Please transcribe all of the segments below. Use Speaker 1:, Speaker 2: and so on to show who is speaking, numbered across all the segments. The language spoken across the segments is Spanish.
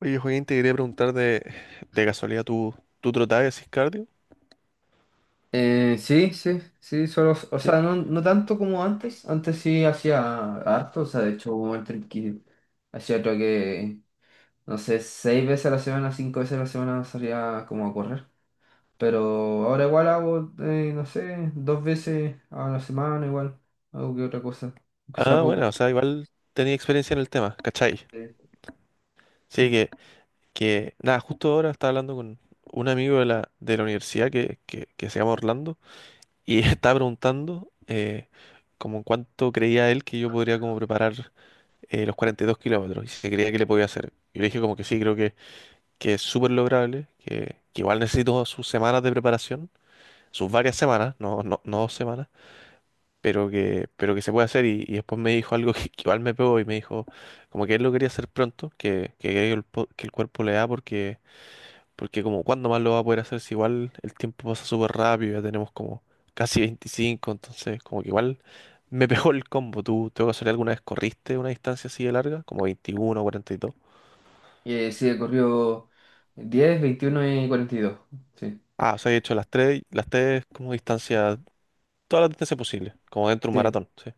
Speaker 1: Oye, Joaquín, te quería preguntar de casualidad, ¿Tú trotabas y hacías cardio?
Speaker 2: Sí, sí, sí, solo, o
Speaker 1: ¿Sí?
Speaker 2: sea, no, no tanto como antes sí hacía harto. O sea, de hecho hubo un momento en que hacía, creo que, no sé, seis veces a la semana, cinco veces a la semana, salía como a correr. Pero ahora igual hago, no sé, dos veces a la semana igual, algo que otra cosa, aunque sea
Speaker 1: Ah, bueno,
Speaker 2: poco.
Speaker 1: o sea, igual tenía experiencia en el tema, ¿cachai?
Speaker 2: Eh,
Speaker 1: Sí,
Speaker 2: mm.
Speaker 1: que nada, justo ahora estaba hablando con un amigo de la universidad que se llama Orlando y estaba preguntando como en cuánto creía él que yo podría como preparar los 42 kilómetros y si creía que le podía hacer. Yo le dije como que sí, creo que es súper lograble, que igual necesito sus semanas de preparación, sus varias semanas, no dos semanas, pero pero que se puede hacer. Y después me dijo algo que igual me pegó y me dijo como que él lo quería hacer pronto, que el cuerpo le da porque, porque como cuándo más lo va a poder hacer si igual el tiempo pasa súper rápido, ya tenemos como casi 25, entonces como que igual me pegó el combo. ¿Tú, tengo que hacer alguna vez corriste una distancia así de larga, como 21 o 42?
Speaker 2: Sí, he corrido 10, 21 y 42. Sí,
Speaker 1: Ah, o sea, he hecho las tres como distancias, todas las distancias posibles, como dentro de un
Speaker 2: sí,
Speaker 1: maratón, ¿sí?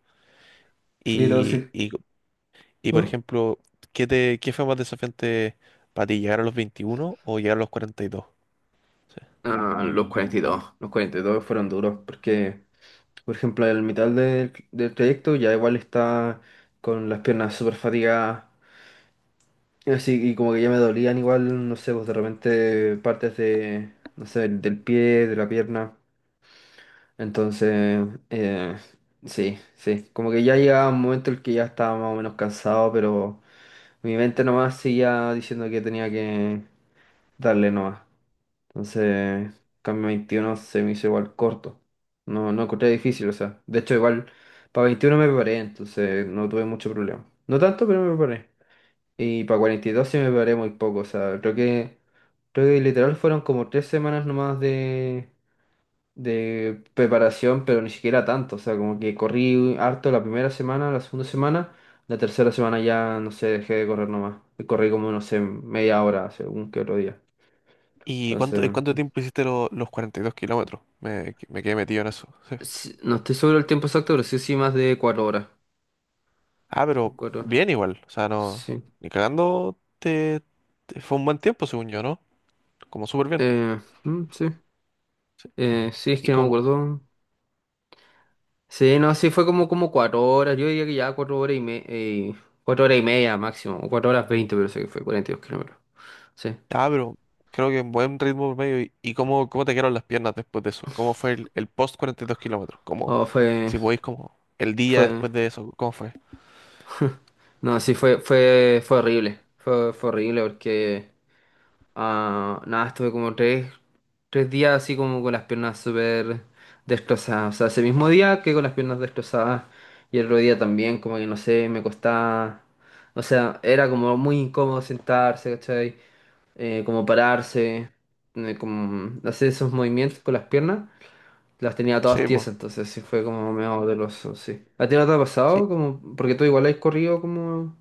Speaker 2: sí, no,
Speaker 1: Y,
Speaker 2: sí.
Speaker 1: y Y por
Speaker 2: ¿Eh?
Speaker 1: ejemplo, ¿qué fue más desafiante para ti, llegar a los 21 o llegar a los 42? Sí.
Speaker 2: Ah, los cuarenta y dos fueron duros porque. Por ejemplo, el mitad del trayecto ya igual está con las piernas súper fatigadas. Así, y como que ya me dolían igual, no sé, pues de repente partes de, no sé, del pie, de la pierna. Entonces, sí, sí. Como que ya llegaba un momento en el que ya estaba más o menos cansado, pero mi mente nomás seguía diciendo que tenía que darle nomás. Entonces, cambio 21 se me hizo igual corto. No, no encontré difícil, o sea. De hecho, igual para 21 me preparé, entonces no tuve mucho problema. No tanto, pero me preparé. Y para 42 sí me preparé muy poco. O sea, creo que literal fueron como 3 semanas nomás de preparación. Pero ni siquiera tanto, o sea, como que corrí harto la primera semana, la segunda semana, la tercera semana ya, no sé, dejé de correr nomás. Y corrí como, no sé, media hora, según que otro día.
Speaker 1: ¿En
Speaker 2: Entonces.
Speaker 1: cuánto tiempo hiciste los 42 kilómetros? Me quedé metido en eso. Sí.
Speaker 2: Sí, no estoy seguro del tiempo exacto, pero sí, sí, más de 4 horas.
Speaker 1: Ah,
Speaker 2: De
Speaker 1: pero
Speaker 2: cuatro horas.
Speaker 1: bien igual. O sea, no.
Speaker 2: Sí.
Speaker 1: Ni cagando fue un buen tiempo, según yo, ¿no? Como súper bien.
Speaker 2: Mm, sí. Sí, es
Speaker 1: Y
Speaker 2: que no me
Speaker 1: como.
Speaker 2: acuerdo. Sí, no, sí, fue como 4 horas. Yo diría que ya 4 horas y media. 4 horas y media máximo. O cuatro horas veinte, pero sé que fue 42 kilómetros. Sí.
Speaker 1: Ah, pero creo que en buen ritmo medio. ¿Y cómo, ¿cómo te quedaron las piernas después de eso? ¿Cómo fue el post 42 kilómetros? Como,
Speaker 2: Oh, fue,
Speaker 1: si podéis, como el día
Speaker 2: fue.
Speaker 1: después de eso, ¿cómo fue?
Speaker 2: No, sí, fue horrible. Fue horrible porque. Ah, nada, estuve como tres. 3 días así como con las piernas súper destrozadas. O sea, ese mismo día que con las piernas destrozadas. Y el otro día también, como que no sé, me costaba. O sea, era como muy incómodo sentarse, ¿cachai? Como pararse, como hacer esos movimientos con las piernas. Las tenía todas
Speaker 1: Sí, pues.
Speaker 2: tiesas, entonces sí fue como medio doloroso, sí. ¿A ti no te ha pasado? Como, porque tú igual has corrido como,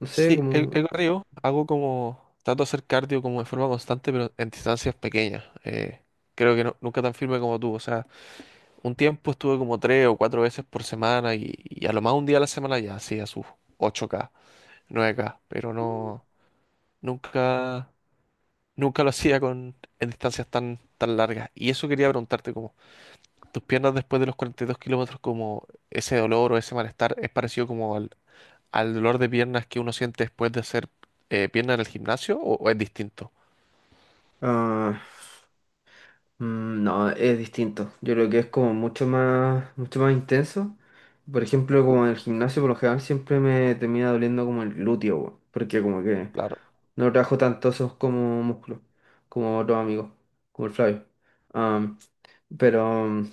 Speaker 2: no sé,
Speaker 1: Sí, el,
Speaker 2: como.
Speaker 1: el corrido hago como, trato de hacer cardio como de forma constante, pero en distancias pequeñas. Creo que nunca tan firme como tú. O sea, un tiempo estuve como tres o cuatro veces por semana, y a lo más un día a la semana ya hacía sus 8K, 9K, pero no, nunca, nunca lo hacía con, en distancias tan largas. Y eso quería preguntarte, como, tus piernas después de los 42 kilómetros, ¿como ese dolor o ese malestar es parecido como al dolor de piernas que uno siente después de hacer pierna en el gimnasio o es distinto?
Speaker 2: Mm, no, es distinto. Yo creo que es como mucho más intenso. Por ejemplo, como en el gimnasio, por lo general siempre me termina doliendo como el glúteo, weón, porque como que
Speaker 1: Claro.
Speaker 2: no trabajo tanto esos como músculos, como otros amigos, como el Flavio. Am, pero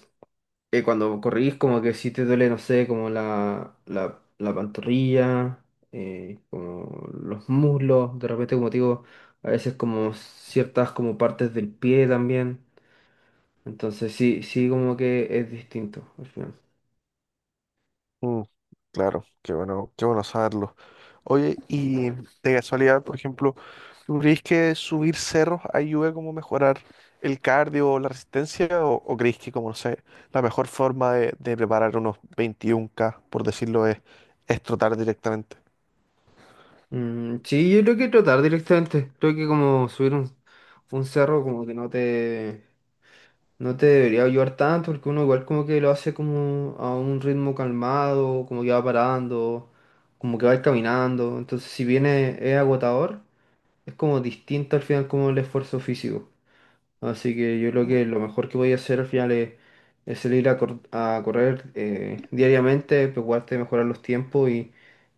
Speaker 2: cuando corrís, como que sí te duele, no sé, como la pantorrilla, como los muslos, de repente, como te digo, a veces como ciertas como partes del pie también. Entonces sí, sí como que es distinto al final.
Speaker 1: Mm, claro, qué bueno saberlo. Oye, y de casualidad, por ejemplo, ¿tú crees que subir cerros ayuda como a mejorar el cardio o la resistencia? O crees que, como no sé, la mejor forma de preparar unos 21K, por decirlo, es trotar directamente?
Speaker 2: Mm, sí, yo creo que trotar directamente. Creo que como subir un cerro como que no te debería ayudar tanto porque uno igual como que lo hace como a un ritmo calmado, como que va parando, como que va caminando. Entonces si bien es agotador, es como distinto al final como el esfuerzo físico. Así que yo creo que lo mejor que voy a hacer al final es salir a, a correr diariamente, preocuparte de mejorar los tiempos y,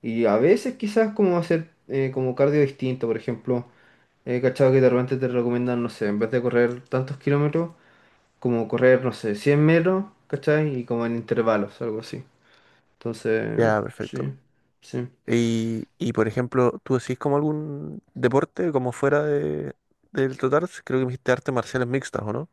Speaker 2: y a veces quizás como hacer como cardio distinto. Por ejemplo, he cachado que de repente te recomiendan, no sé, en vez de correr tantos kilómetros, como correr, no sé, 100 metros, ¿cachai? Y como en intervalos, algo así. Entonces,
Speaker 1: Ya,
Speaker 2: sí,
Speaker 1: perfecto.
Speaker 2: sí.
Speaker 1: Por ejemplo, ¿tú decís como algún deporte como fuera del total? Creo que me dijiste artes marciales mixtas, ¿o no?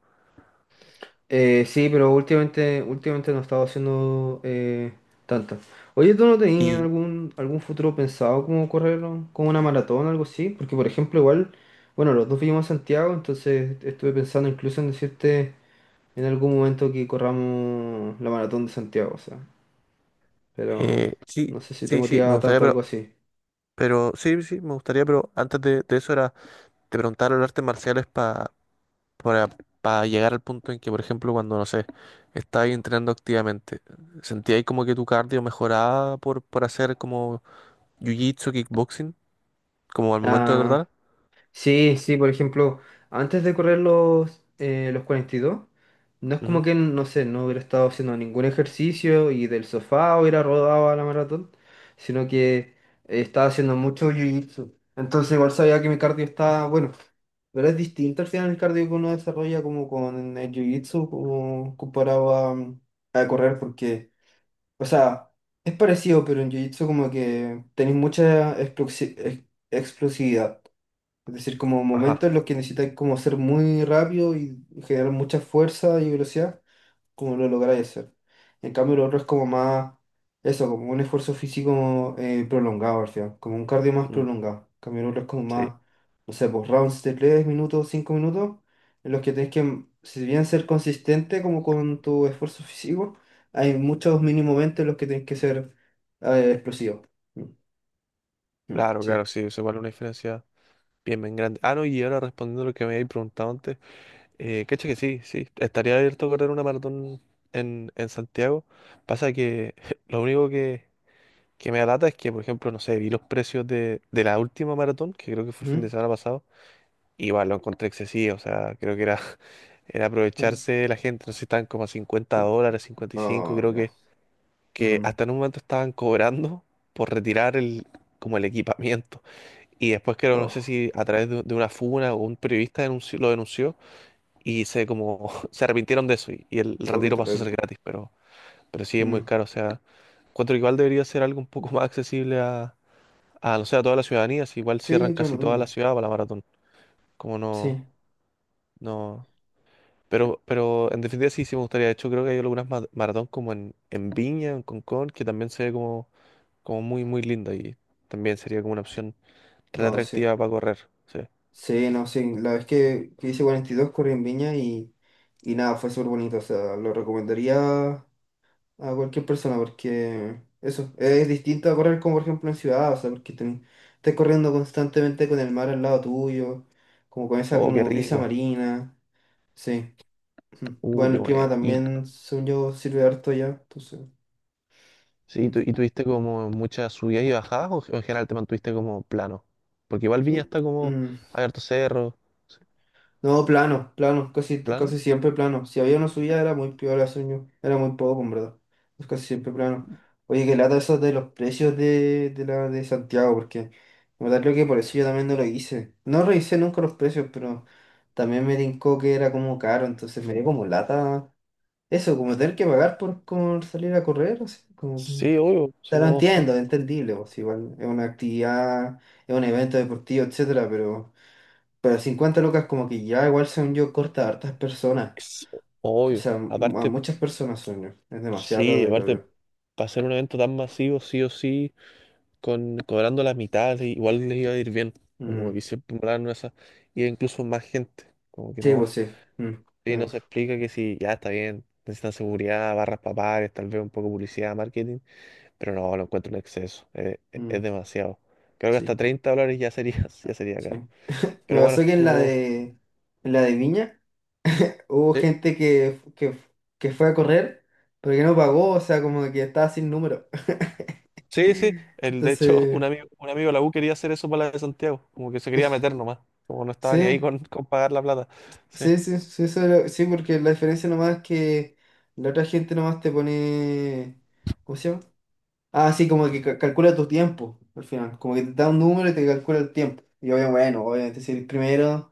Speaker 2: Sí, pero últimamente no he estado haciendo tantas. Oye, ¿tú no tenías
Speaker 1: Y
Speaker 2: algún futuro pensado como correr como una maratón o algo así? Porque, por ejemplo, igual, bueno, los dos vivimos en Santiago, entonces estuve pensando incluso en decirte en algún momento que corramos la maratón de Santiago, o sea, pero
Speaker 1: sí,
Speaker 2: no sé si te
Speaker 1: sí, sí, me
Speaker 2: motiva
Speaker 1: gustaría,
Speaker 2: tanto algo así.
Speaker 1: pero sí, sí, me gustaría, pero antes de eso era te preguntar los artes marciales pa, para para llegar al punto en que, por ejemplo, cuando, no sé, estabas entrenando activamente, ¿sentías como que tu cardio mejoraba por hacer como jiu-jitsu, kickboxing, como al momento de
Speaker 2: Ah,
Speaker 1: tratar?
Speaker 2: sí, sí, por ejemplo, antes de correr los 42, no es como
Speaker 1: Ujú.
Speaker 2: que, no sé, no hubiera estado haciendo ningún ejercicio y del sofá hubiera rodado a la maratón, sino que estaba haciendo mucho jiu-jitsu. Entonces igual sabía que mi cardio estaba bueno, pero es distinto al final el cardio que uno desarrolla como con el jiu-jitsu, como comparado a, a correr, porque, o sea, es parecido, pero en jiu-jitsu como que tenéés mucha explosividad. Es decir, como momentos
Speaker 1: Ajá.
Speaker 2: en los que necesitáis como ser muy rápido y generar mucha fuerza y velocidad, como lo lográis hacer. En cambio, lo otro es como más, eso, como un esfuerzo físico prolongado al final, como un cardio más
Speaker 1: Mm,
Speaker 2: prolongado. En cambio, lo otro es como
Speaker 1: sí.
Speaker 2: más, no sé, pues rounds de 3 minutos, 5 minutos, en los que tenés que, si bien ser consistente como con tu esfuerzo físico, hay muchos mini momentos en los que tenés que ser explosivo. Mm, mm,
Speaker 1: Claro,
Speaker 2: sí.
Speaker 1: claro, sí, eso vale una diferencia bien, bien grande. Ah, no, y ahora respondiendo a lo que me habéis preguntado antes, cacha que sí, sí, estaría abierto a correr una maratón en Santiago. Pasa que lo único que me alata es que, por ejemplo, no sé, vi los precios de la última maratón, que creo que fue el fin de
Speaker 2: Mm,
Speaker 1: semana pasado, y igual lo encontré excesivo, o sea, creo que era, era
Speaker 2: mm,
Speaker 1: aprovecharse de la gente, no sé, estaban como a cincuenta
Speaker 2: mm.
Speaker 1: dólares, 55
Speaker 2: No,
Speaker 1: creo que
Speaker 2: ya.
Speaker 1: hasta en un momento estaban cobrando por retirar como el equipamiento. Y después creo, no sé
Speaker 2: Oh,
Speaker 1: si a través de una funa o un periodista lo denunció y se como se arrepintieron de eso y el
Speaker 2: oh, qué
Speaker 1: retiro pasó a ser
Speaker 2: terrible.
Speaker 1: gratis, pero sí es muy
Speaker 2: Mm.
Speaker 1: caro. O sea, encuentro que igual debería ser algo un poco más accesible no sé, a toda la ciudadanía, si igual cierran
Speaker 2: Sí, yo lo
Speaker 1: casi toda la
Speaker 2: mismo.
Speaker 1: ciudad para la maratón. Como no,
Speaker 2: Sí,
Speaker 1: no. Pero en definitiva sí, sí me gustaría. De hecho, creo que hay algunas maratón como en Viña, en Concón, que también se ve como, como muy, muy linda y también sería como una opción re
Speaker 2: oh, sí.
Speaker 1: atractiva para correr. Sí.
Speaker 2: Sí, no, sí. La vez que hice 42 corrí en Viña, y nada, fue súper bonito. O sea, lo recomendaría a cualquier persona porque eso es distinto a correr como por ejemplo en ciudad. O sea, porque estás corriendo constantemente con el mar al lado tuyo, como con esa
Speaker 1: Oh, qué
Speaker 2: como brisa
Speaker 1: rico.
Speaker 2: marina. Sí. Ujú. Bueno,
Speaker 1: Qué
Speaker 2: el clima
Speaker 1: buena. ¿Y,
Speaker 2: también, según yo, sirve harto ya. Entonces,
Speaker 1: sí,
Speaker 2: mm.
Speaker 1: y tuviste como muchas subidas y bajadas o en general te mantuviste como plano? Porque igual
Speaker 2: Mm.
Speaker 1: Viña está como
Speaker 2: Mm.
Speaker 1: abierto cerro,
Speaker 2: No, plano, plano, casi,
Speaker 1: plano.
Speaker 2: casi siempre plano. Si había una subida era muy peor sueño, era muy poco, en verdad. Es casi siempre plano. Oye, qué lata eso de los precios de la de Santiago, porque en verdad creo que por eso yo también no lo hice. No revisé nunca los precios, pero también me tincó que era como caro, entonces me dio como lata. Eso, como tener que pagar por como salir a correr, así, como que.
Speaker 1: Sí, obvio,
Speaker 2: O
Speaker 1: si
Speaker 2: sea, lo
Speaker 1: no,
Speaker 2: entiendo, es entendible, pues igual es una actividad, es un evento deportivo, etcétera, pero. Pero 50 lucas como que ya igual según yo corta a hartas personas.
Speaker 1: es
Speaker 2: O
Speaker 1: obvio.
Speaker 2: sea, a
Speaker 1: Aparte,
Speaker 2: muchas personas sueño. Es demasiado
Speaker 1: sí,
Speaker 2: plata,
Speaker 1: aparte,
Speaker 2: creo
Speaker 1: para hacer un evento tan masivo, sí o sí, con, cobrando la mitad, igual les iba a ir bien.
Speaker 2: yo.
Speaker 1: Como
Speaker 2: Mm,
Speaker 1: que siempre molaron esas, y incluso más gente. Como que
Speaker 2: sí,
Speaker 1: no,
Speaker 2: pues sí. Mm,
Speaker 1: sí, no
Speaker 2: uf,
Speaker 1: se explica que si ya está bien, necesitan seguridad, barras para pares, tal vez un poco de publicidad, marketing. Pero no, lo encuentro un exceso. Es
Speaker 2: mm,
Speaker 1: demasiado. Creo que hasta
Speaker 2: sí,
Speaker 1: $30 ya sería, ya sería
Speaker 2: sí.
Speaker 1: caro.
Speaker 2: Me
Speaker 1: Pero bueno,
Speaker 2: pasó que en la
Speaker 1: estuvo.
Speaker 2: de, en la de Viña hubo
Speaker 1: Sí,
Speaker 2: gente que fue a correr, pero que no pagó, o sea, como que estaba sin número.
Speaker 1: sí. Sí, el, de hecho,
Speaker 2: Entonces,
Speaker 1: un amigo de la U quería hacer eso para la de Santiago. Como que se quería meter nomás. Como no estaba ni ahí
Speaker 2: sí,
Speaker 1: con pagar la plata. Sí.
Speaker 2: sí, sí, sí, sí, porque la diferencia nomás es que la otra gente nomás te pone. ¿Cómo se llama? Ah, sí, como que calcula tu tiempo al final. Como que te da un número y te calcula el tiempo. Y obviamente, bueno, obviamente si eres primero,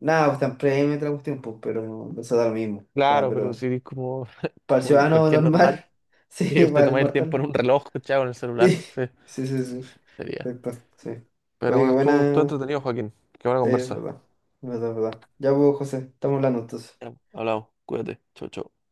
Speaker 2: nada, pues tan premio y un tiempo, pero no, eso da lo mismo. O sea,
Speaker 1: Claro, pero
Speaker 2: pero
Speaker 1: sí, como,
Speaker 2: para el
Speaker 1: como
Speaker 2: ciudadano
Speaker 1: cualquier normal.
Speaker 2: normal, sí,
Speaker 1: Usted
Speaker 2: para el
Speaker 1: toma el tiempo
Speaker 2: mortal.
Speaker 1: en un reloj, chavo, en el
Speaker 2: Sí,
Speaker 1: celular. Sí,
Speaker 2: sí, sí, sí.
Speaker 1: sería.
Speaker 2: Perfecto, sí.
Speaker 1: Pero
Speaker 2: Oye, qué
Speaker 1: bueno, estuvo, estuvo
Speaker 2: buena.
Speaker 1: entretenido, Joaquín. Qué buena
Speaker 2: Sí, es
Speaker 1: conversa.
Speaker 2: verdad. Es verdad, es verdad. Ya, pues, José, estamos hablando entonces.
Speaker 1: Ya, hablamos. Cuídate. Chau, chau.